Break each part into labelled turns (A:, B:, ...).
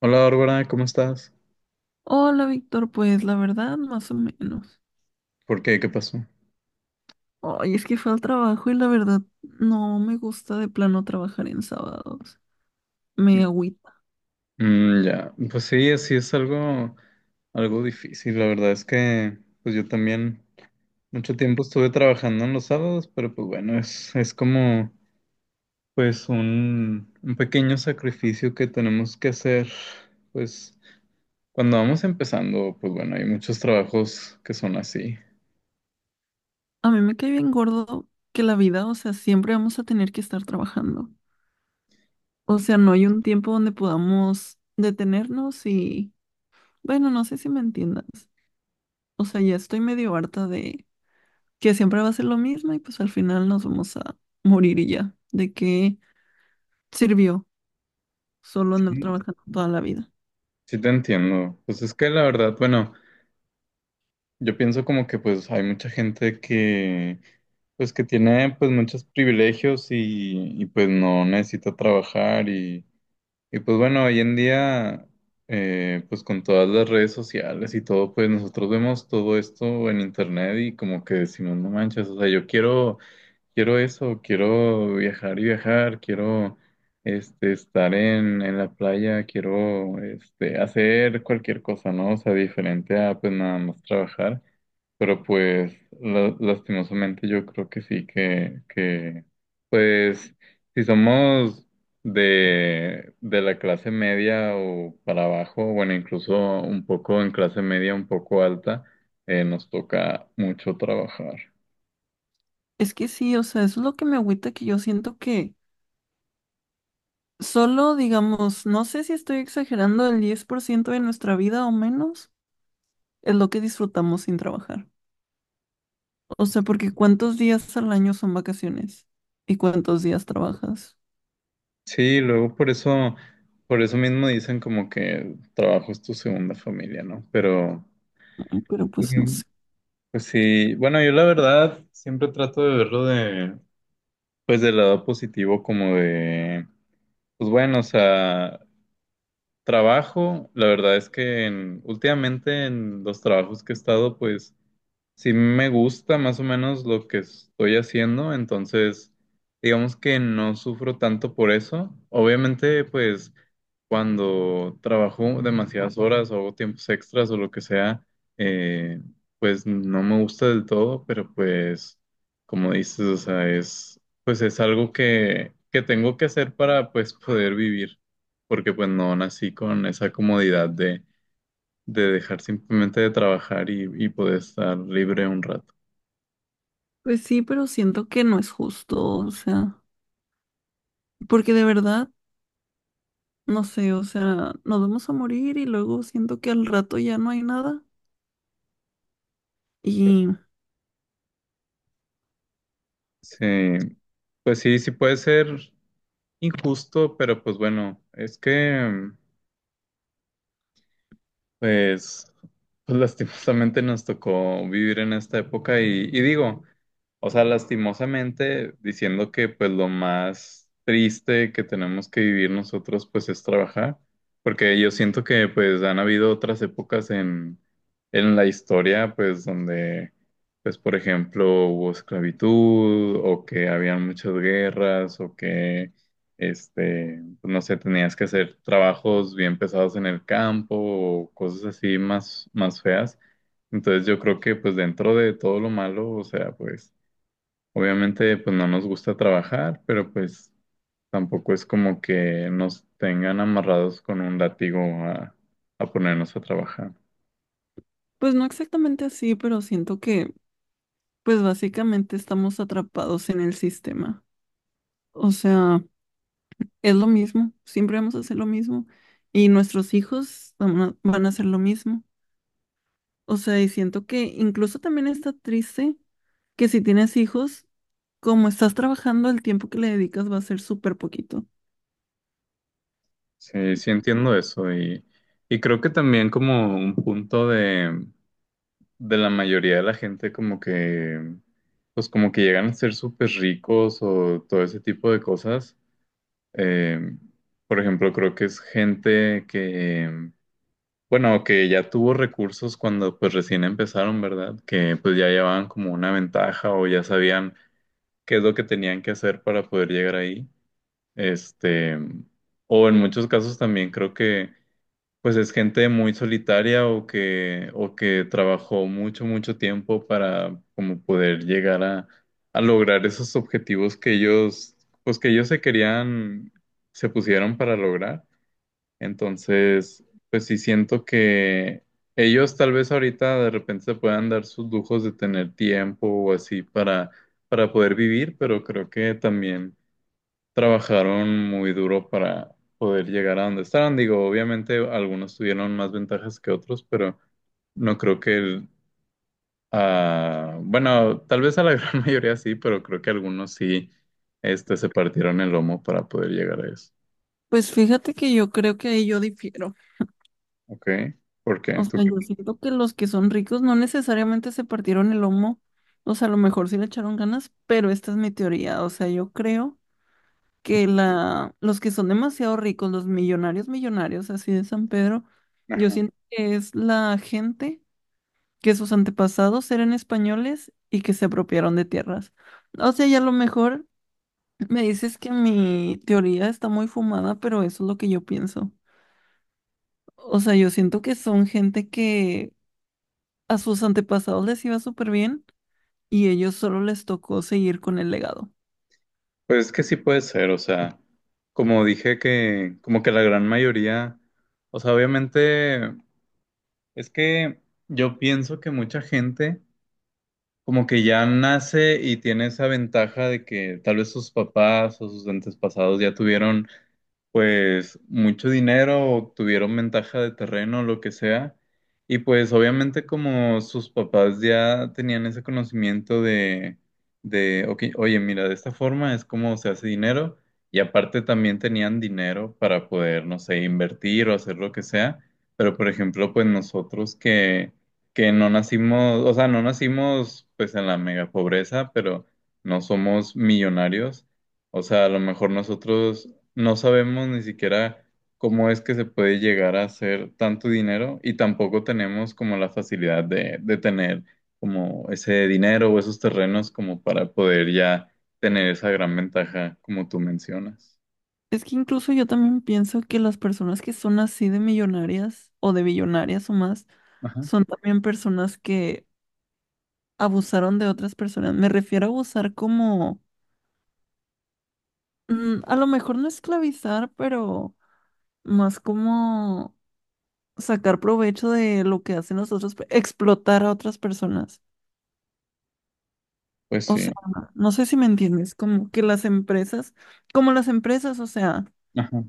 A: Hola Bárbara, ¿cómo estás?
B: Hola, Víctor, pues la verdad, más o menos.
A: ¿Por qué? ¿Qué pasó?
B: Ay, es que fue al trabajo y la verdad no me gusta de plano trabajar en sábados. Me agüita.
A: Mm, ya, pues sí, así es algo difícil. La verdad es que, pues yo también mucho tiempo estuve trabajando en los sábados, pero pues bueno, es como, pues un pequeño sacrificio que tenemos que hacer. Pues cuando vamos empezando, pues bueno, hay muchos trabajos que son así.
B: A mí me cae bien gordo que la vida, o sea, siempre vamos a tener que estar trabajando. O sea, no hay un tiempo donde podamos detenernos y, bueno, no sé si me entiendas. O sea, ya estoy medio harta de que siempre va a ser lo mismo y pues al final nos vamos a morir y ya. ¿De qué sirvió solo andar
A: Sí,
B: trabajando toda la vida?
A: sí te entiendo. Pues es que la verdad, bueno, yo pienso como que pues hay mucha gente que tiene pues muchos privilegios pues no necesita trabajar pues bueno, hoy en día pues con todas las redes sociales y todo, pues nosotros vemos todo esto en internet y como que decimos, no manches, o sea, yo quiero, quiero eso, quiero viajar y viajar, quiero estar en la playa, quiero hacer cualquier cosa, ¿no? O sea, diferente a pues nada más trabajar. Pero pues lastimosamente yo creo que sí, que pues si somos de la clase media o para abajo, bueno, incluso un poco en clase media, un poco alta, nos toca mucho trabajar.
B: Es que sí, o sea, eso es lo que me agüita que yo siento que solo, digamos, no sé si estoy exagerando, el 10% de nuestra vida o menos es lo que disfrutamos sin trabajar. O sea, porque ¿cuántos días al año son vacaciones? ¿Y cuántos días trabajas?
A: Sí, luego por eso mismo dicen como que el trabajo es tu segunda familia, ¿no? Pero.
B: Mm, pero pues no
A: Ujú.
B: sé.
A: Pues sí, bueno, yo la verdad siempre trato de verlo pues del lado positivo como de. Pues bueno, o sea, trabajo, la verdad es que últimamente en los trabajos que he estado, pues sí me gusta más o menos lo que estoy haciendo, entonces digamos que no sufro tanto por eso. Obviamente, pues cuando trabajo demasiadas horas o hago tiempos extras o lo que sea, eh, pues no me gusta del todo, pero pues como dices, o sea, es pues es algo que tengo que hacer para pues poder vivir, porque pues no nací con esa comodidad de dejar simplemente de trabajar y poder estar libre un rato.
B: Pues sí, pero siento que no es justo, o sea, porque de verdad, no sé, o sea, nos vamos a morir y luego siento que al rato ya no hay nada. Y
A: Sí, pues sí puede ser injusto, pero pues bueno, es que, Pues, pues lastimosamente nos tocó vivir en esta época y digo, o sea, lastimosamente diciendo que pues lo más triste que tenemos que vivir nosotros pues es trabajar, porque yo siento que pues han habido otras épocas en la historia pues donde pues por ejemplo hubo esclavitud o que habían muchas guerras o que pues, no sé, tenías que hacer trabajos bien pesados en el campo o cosas así más feas. Entonces yo creo que pues dentro de todo lo malo, o sea, pues obviamente pues no nos gusta trabajar, pero pues tampoco es como que nos tengan amarrados con un látigo a ponernos a trabajar.
B: pues no exactamente así, pero siento que pues básicamente estamos atrapados en el sistema. O sea, es lo mismo, siempre vamos a hacer lo mismo y nuestros hijos van a hacer lo mismo. O sea, y siento que incluso también está triste que si tienes hijos, como estás trabajando, el tiempo que le dedicas va a ser súper poquito.
A: Sí, sí entiendo eso y creo que también como un punto de la mayoría de la gente como que, pues como que llegan a ser súper ricos o todo ese tipo de cosas. Eh, por ejemplo, creo que es gente que, bueno, que ya tuvo recursos cuando pues recién empezaron, ¿verdad? Que pues ya llevaban como una ventaja o ya sabían qué es lo que tenían que hacer para poder llegar ahí. Este, o en muchos casos también creo que pues es gente muy solitaria o que trabajó mucho, mucho tiempo para como poder llegar a lograr esos objetivos que ellos, pues que ellos se querían, se pusieron para lograr. Entonces, pues sí siento que ellos tal vez ahorita de repente se puedan dar sus lujos de tener tiempo o así para poder vivir, pero creo que también trabajaron muy duro para poder llegar a donde estaban. Digo, obviamente algunos tuvieron más ventajas que otros, pero no creo que bueno, tal vez a la gran mayoría sí, pero creo que algunos sí, se partieron el lomo para poder llegar a eso.
B: Pues fíjate que yo creo que ahí yo difiero.
A: ¿Ok? ¿Por qué?
B: O
A: ¿Tú
B: sea, yo
A: qué-
B: siento que los que son ricos no necesariamente se partieron el lomo. O sea, a lo mejor sí le echaron ganas, pero esta es mi teoría. O sea, yo creo que los que son demasiado ricos, los millonarios millonarios, así de San Pedro, yo
A: Ajá.
B: siento que es la gente que sus antepasados eran españoles y que se apropiaron de tierras. O sea, ya a lo mejor me dices que mi teoría está muy fumada, pero eso es lo que yo pienso. O sea, yo siento que son gente que a sus antepasados les iba súper bien y ellos solo les tocó seguir con el legado.
A: Pues es que sí puede ser, o sea, como dije como que la gran mayoría, o sea, obviamente es que yo pienso que mucha gente como que ya nace y tiene esa ventaja de que tal vez sus papás o sus antepasados ya tuvieron pues mucho dinero o tuvieron ventaja de terreno, lo que sea. Y pues obviamente como sus papás ya tenían ese conocimiento de ok, oye, mira, de esta forma es como se hace dinero. Y aparte también tenían dinero para poder, no sé, invertir o hacer lo que sea. Pero por ejemplo, pues nosotros que no nacimos, o sea, no nacimos pues en la mega pobreza, pero no somos millonarios, o sea, a lo mejor nosotros no sabemos ni siquiera cómo es que se puede llegar a hacer tanto dinero y tampoco tenemos como la facilidad de tener como ese dinero o esos terrenos como para poder ya tener esa gran ventaja como tú mencionas.
B: Es que incluso yo también pienso que las personas que son así de millonarias o de billonarias o más,
A: Ajá.
B: son también personas que abusaron de otras personas. Me refiero a abusar como, a lo mejor no esclavizar, pero más como sacar provecho de lo que hacen los otros, explotar a otras personas.
A: Pues
B: O
A: sí.
B: sea, no sé si me entiendes, como que las empresas, o sea.
A: Ajá.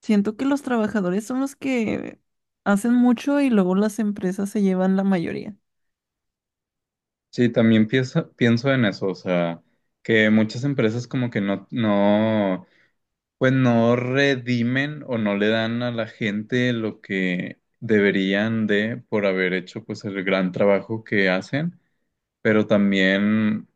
B: Siento que los trabajadores son los que hacen mucho y luego las empresas se llevan la mayoría.
A: Sí, también pienso en eso, o sea, que muchas empresas como que no redimen o no le dan a la gente lo que deberían de por haber hecho pues el gran trabajo que hacen. Pero también,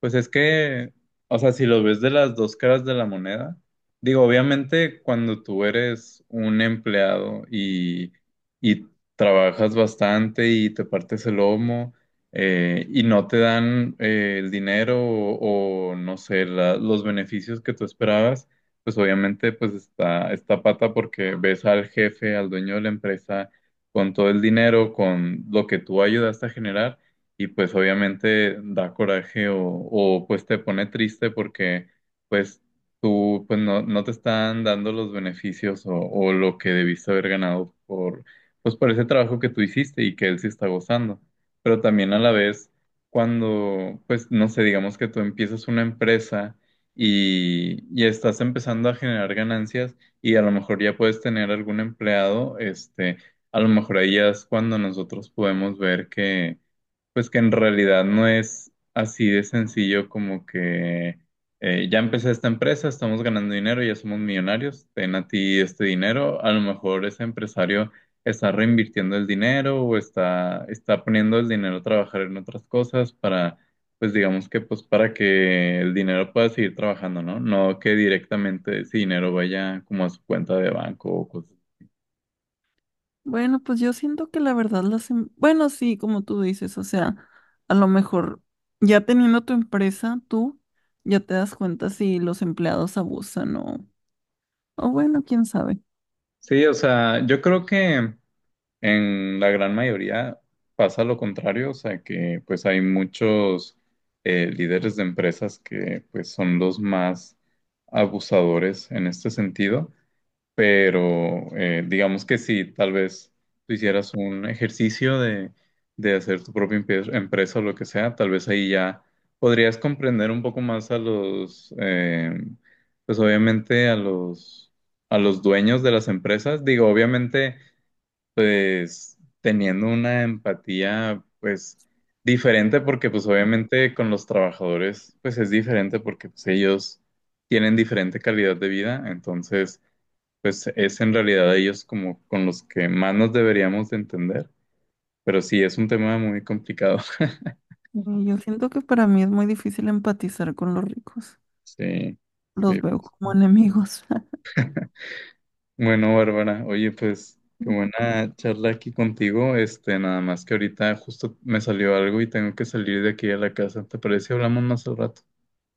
A: pues es que, o sea, si lo ves de las dos caras de la moneda, digo, obviamente cuando tú eres un empleado y trabajas bastante y te partes el lomo, y no te dan el dinero o, no sé, los beneficios que tú esperabas, pues obviamente pues está pata porque ves al jefe, al dueño de la empresa con todo el dinero, con lo que tú ayudaste a generar y pues obviamente da coraje o, pues te pone triste porque pues tú pues no te están dando los beneficios o lo que debiste haber ganado por ese trabajo que tú hiciste y que él sí está gozando. Pero también a la vez cuando pues no sé, digamos que tú empiezas una empresa y estás empezando a generar ganancias y a lo mejor ya puedes tener algún empleado, a lo mejor ahí ya es cuando nosotros podemos ver que pues que en realidad no es así de sencillo como que ya empecé esta empresa, estamos ganando dinero, ya somos millonarios, ten a ti este dinero. A lo mejor ese empresario está reinvirtiendo el dinero o está poniendo el dinero a trabajar en otras cosas para, pues digamos que pues para que el dinero pueda seguir trabajando, ¿no? No que directamente ese dinero vaya como a su cuenta de banco o cosas.
B: Bueno, pues yo siento que la verdad bueno, sí, como tú dices, o sea, a lo mejor ya teniendo tu empresa, tú ya te das cuenta si los empleados abusan o... O bueno, quién sabe.
A: Sí, o sea, yo creo que en la gran mayoría pasa lo contrario, o sea que pues hay muchos líderes de empresas que pues son los más abusadores en este sentido, pero digamos que si tal vez tú hicieras un ejercicio de hacer tu propia empresa o lo que sea, tal vez ahí ya podrías comprender un poco más a los, pues obviamente a los dueños de las empresas, digo, obviamente pues teniendo una empatía pues diferente porque pues obviamente con los trabajadores pues es diferente porque pues ellos tienen diferente calidad de vida, entonces pues es en realidad ellos como con los que más nos deberíamos de entender, pero sí es un tema muy complicado.
B: Y yo siento que para mí es muy difícil empatizar con los ricos.
A: Sí, sí.
B: Los veo como enemigos.
A: Bueno, Bárbara, oye, pues qué buena charla aquí contigo. Nada más que ahorita justo me salió algo y tengo que salir de aquí a la casa. ¿Te parece? Hablamos más al rato.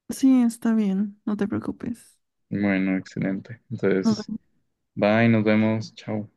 B: Sí, está bien, no te preocupes.
A: Bueno, excelente. Entonces,
B: Nos
A: bye, nos vemos. Chao.